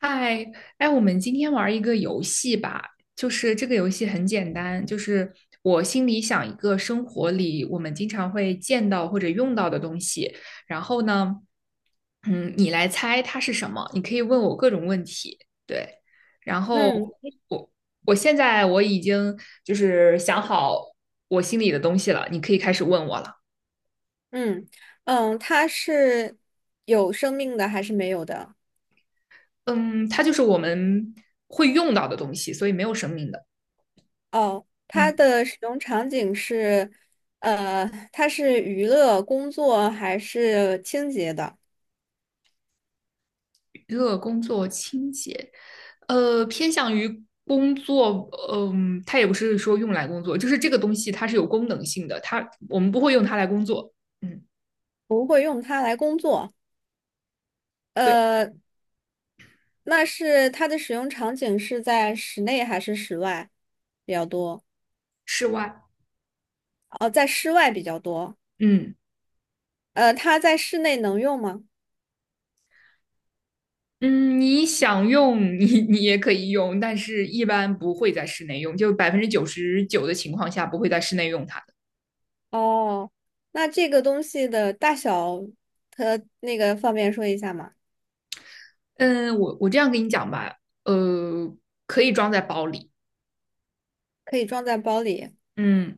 嗨，哎，我们今天玩一个游戏吧，就是这个游戏很简单，就是我心里想一个生活里我们经常会见到或者用到的东西，然后呢，你来猜它是什么，你可以问我各种问题，对，然后嗯我我现在我已经就是想好我心里的东西了，你可以开始问我了，嗯它是有生命的还是没有的？嗯，它就是我们会用到的东西，所以没有生命的，哦，它嗯。的使用场景是，它是娱乐、工作还是清洁的？热工作清洁，偏向于工作，它也不是说用来工作，就是这个东西它是有功能性的，它我们不会用它来工作。嗯，不会用它来工作。对，呃，那是它的使用场景是在室内还是室外比较多？室外，哦，在室外比较多。嗯呃，它在室内能用吗？嗯，你想用你也可以用，但是一般不会在室内用，就99%的情况下不会在室内用它的。哦，那这个东西的大小，它那个方便说一下吗？嗯，我这样跟你讲吧，呃，可以装在包里，可以装在包里。嗯，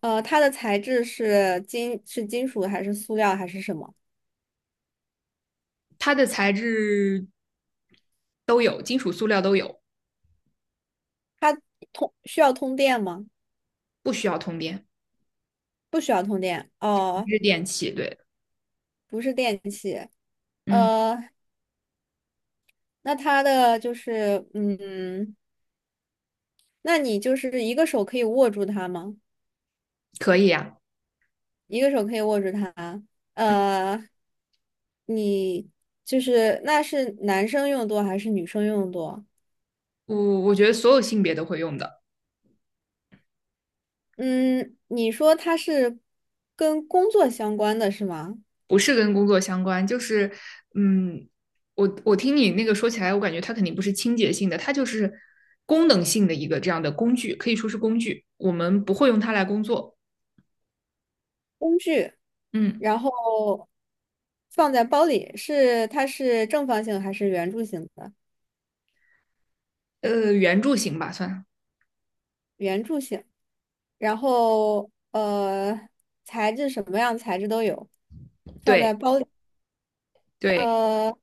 呃，它的材质是金，是金属还是塑料还是什么？它的材质都有，金属、塑料都有。它通需要通电吗？不需要通电，不需要通电。哦，是电器。对，不是电器。嗯，呃，那它的就是，嗯，那你就是一个手可以握住它吗？可以啊，一个手可以握住它。呃，你就是那是男生用多还是女生用多？我觉得所有性别都会用的，嗯，你说它是跟工作相关的是吗？不是跟工作相关，就是嗯，我听你那个说起来，我感觉它肯定不是清洁性的，它就是功能性的一个这样的工具，可以说是工具，我们不会用它来工作。嗯，然后放在包里，是它是正方形还是圆柱形的？圆柱形吧，算。圆柱形。然后材质什么样材质都有，放对在包里。对，呃，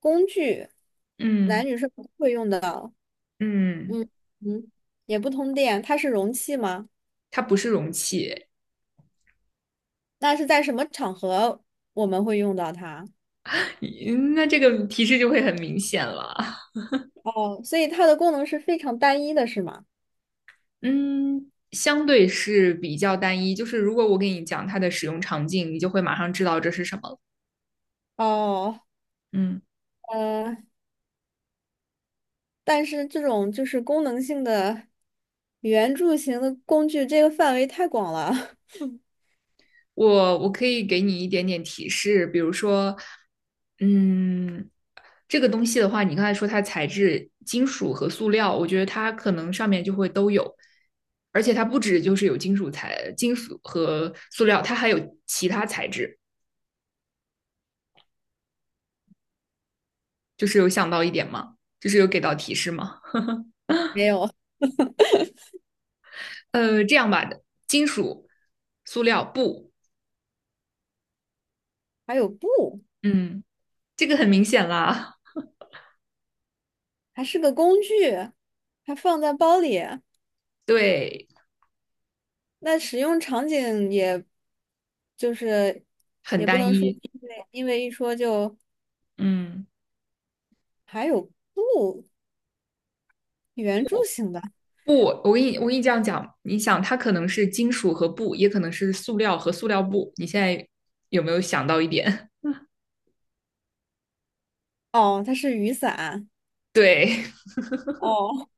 工具，嗯男女是不会用的。嗯，嗯嗯，也不通电，它是容器吗？它不是容器，那是在什么场合我们会用到它？那这个提示就会很明显了。哦，所以它的功能是非常单一的，是吗？嗯，相对是比较单一，就是如果我给你讲它的使用场景，你就会马上知道这是什么了哦，嗯，呃。但是这种就是功能性的圆柱形的工具，这个范围太广了。我可以给你一点点提示，比如说，嗯，这个东西的话，你刚才说它材质金属和塑料，我觉得它可能上面就会都有，而且它不止就是有金属材、金属和塑料，它还有其他材质，就是有想到一点吗？就是有给到提示吗？没有，这样吧，金属、塑料、布。还有布，嗯，这个很明显啦，还是个工具，还放在包里。对，那使用场景也，就是很也不单能说一。因为因为一说就嗯，还有布圆柱形的布，我跟你这样讲，你想它可能是金属和布，也可能是塑料和塑料布。你现在有没有想到一点？哦，它是雨伞 对，哦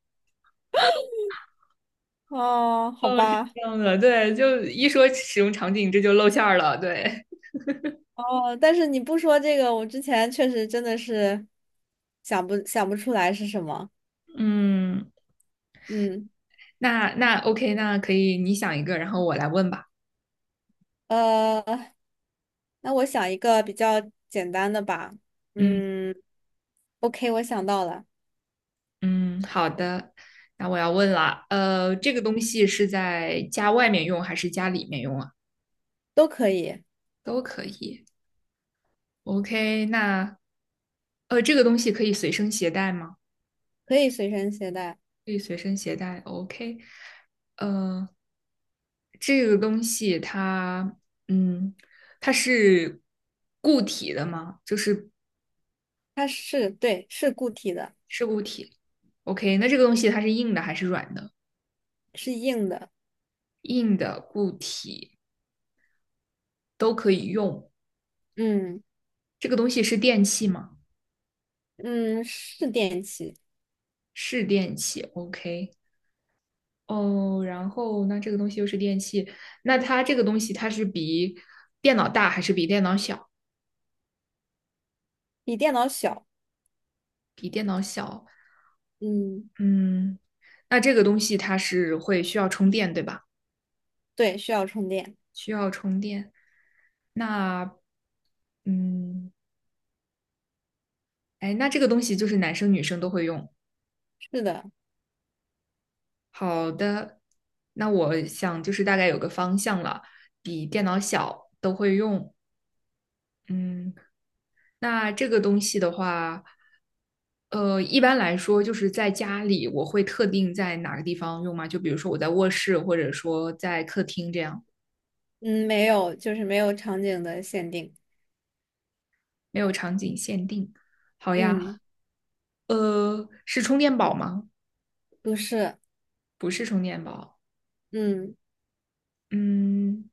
哦，好吧这样的，对，就一说使用场景，这就露馅儿了。对，哦，但是你不说这个，我之前确实真的是想不出来是什么，嗯，嗯。那 OK，那可以，你想一个，然后我来问吧。呃，那我想一个比较简单的吧。嗯嗯，OK，我想到了，嗯，好的。那我要问了，这个东西是在家外面用还是家里面用啊？都可以，都可以。OK，那这个东西可以随身携带吗？可以随身携带。可以随身携带。OK，呃，这个东西它，嗯，它是固体的吗？就是它是，对，是固体的，是固体。OK，那这个东西它是硬的还是软的？是硬的。硬的、固体都可以用。嗯这个东西是电器吗？嗯，是电器，是电器。OK，哦，然后那这个东西又是电器，那它这个东西它是比电脑大还是比电脑小？比电脑小。比电脑小。嗯，嗯，那这个东西它是会需要充电，对吧？对，需要充电。需要充电。那，嗯，哎，那这个东西就是男生女生都会用。是的，好的，那我想就是大概有个方向了，比电脑小都会用。嗯，那这个东西的话，一般来说就是在家里我会特定在哪个地方用吗？就比如说我在卧室，或者说在客厅这样。嗯，没有，就是没有场景的限定。没有场景限定。好呀，嗯，是充电宝吗？不是。不是充电宝。嗯嗯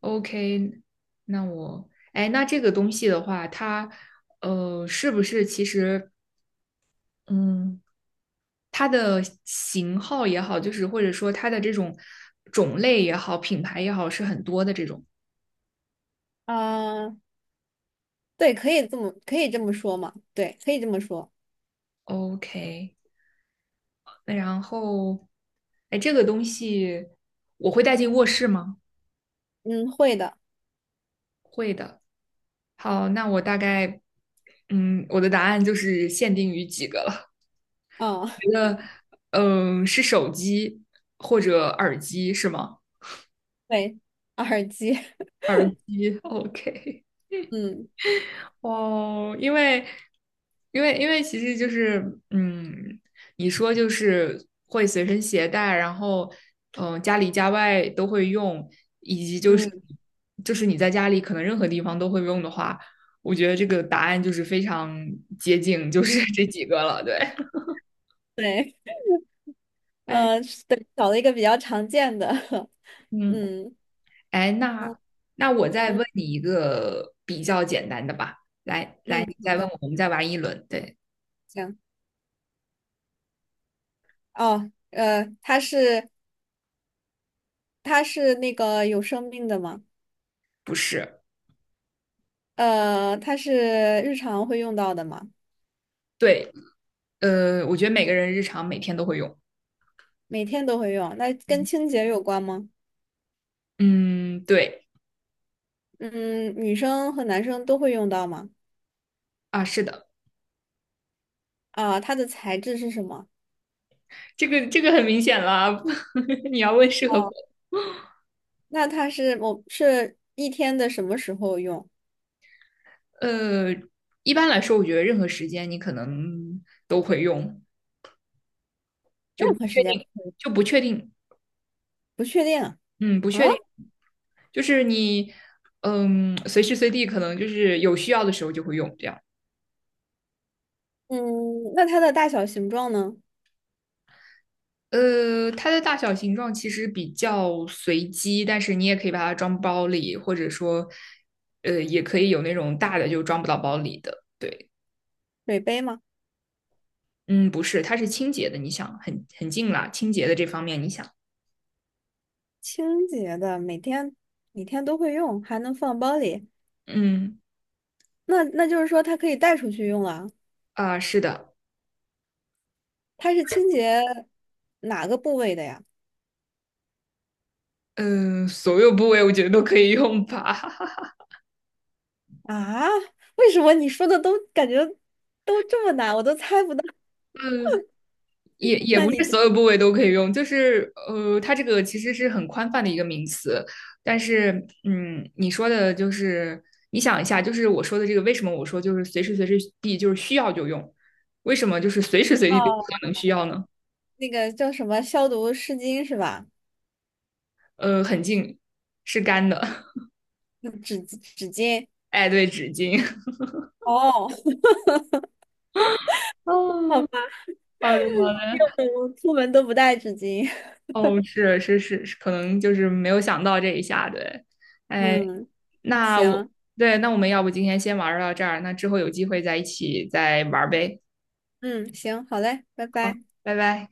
，OK，那我，哎，那这个东西的话，它，是不是其实，嗯，它的型号也好，就是或者说它的这种种类也好，品牌也好，是很多的这种。啊，对，可以这么说嘛？对，可以这么说。OK，那然后，哎，这个东西我会带进卧室吗？嗯，会的。会的。好，那我大概，我的答案就是限定于几个了。啊。觉得，是手机或者耳机是吗？对，耳机，耳机，OK。嗯，哦，因为，其实就是，你说就是会随身携带，然后，家里家外都会用，以及就是，嗯就是你在家里可能任何地方都会用的话，我觉得这个答案就是非常接近，就是嗯，这几个了，对。对，哎，是对，找了一个比较常见的，嗯，嗯，哎，哦，那我再嗯问你一个比较简单的吧，来来，嗯，你好再问的，我，我们再玩一轮。对，行，哦，它是它是那个有生命的吗？不是，呃，它是日常会用到的吗？对，我觉得每个人日常每天都会用。每天都会用，那跟清洁有关吗？嗯，对，嗯，女生和男生都会用到吗？啊，是的，啊、它的材质是什么？这个很明显了啊 你要问适合不？哦，那它是我是一天的什么时候用？呃，一般来说，我觉得任何时间你可能都会用，就任不何时确间，定，就不确定，不确定。嗯，不确啊，定，就是你，随时随地可能就是有需要的时候就会用，这样。嗯，那它的大小形状呢？它的大小形状其实比较随机，但是你也可以把它装包里，或者说，也可以有那种大的就装不到包里的。对，水杯吗？嗯，不是，它是清洁的，你想，很近啦，清洁的这方面，你想，清洁的，每天每天都会用，还能放包里。嗯那那就是说它可以带出去用啊。啊，是的，它是清洁哪个部位的呀？嗯，所有部位我觉得都可以用吧。啊，为什么你说的都感觉都这么难，我都猜不到？也那不你是知所有部位都可以用，就是它这个其实是很宽泛的一个名词，但是你说的就是你想一下，就是我说的这个，为什么我说就是随时随地就是需要就用，为什么就是随时随地都可道能需要呢？那个叫什么消毒湿巾是吧？很近是干的，嗯纸巾。哎，对，纸巾。哦，好哦，吧，好的，我出门都不带纸巾。哦，是是是，是可能就是没有想到这一下，对，哎，嗯，那我，行，对，那我们要不今天先玩儿到这儿，那之后有机会再一起再玩儿呗。嗯，行，好嘞，拜好，拜。拜拜。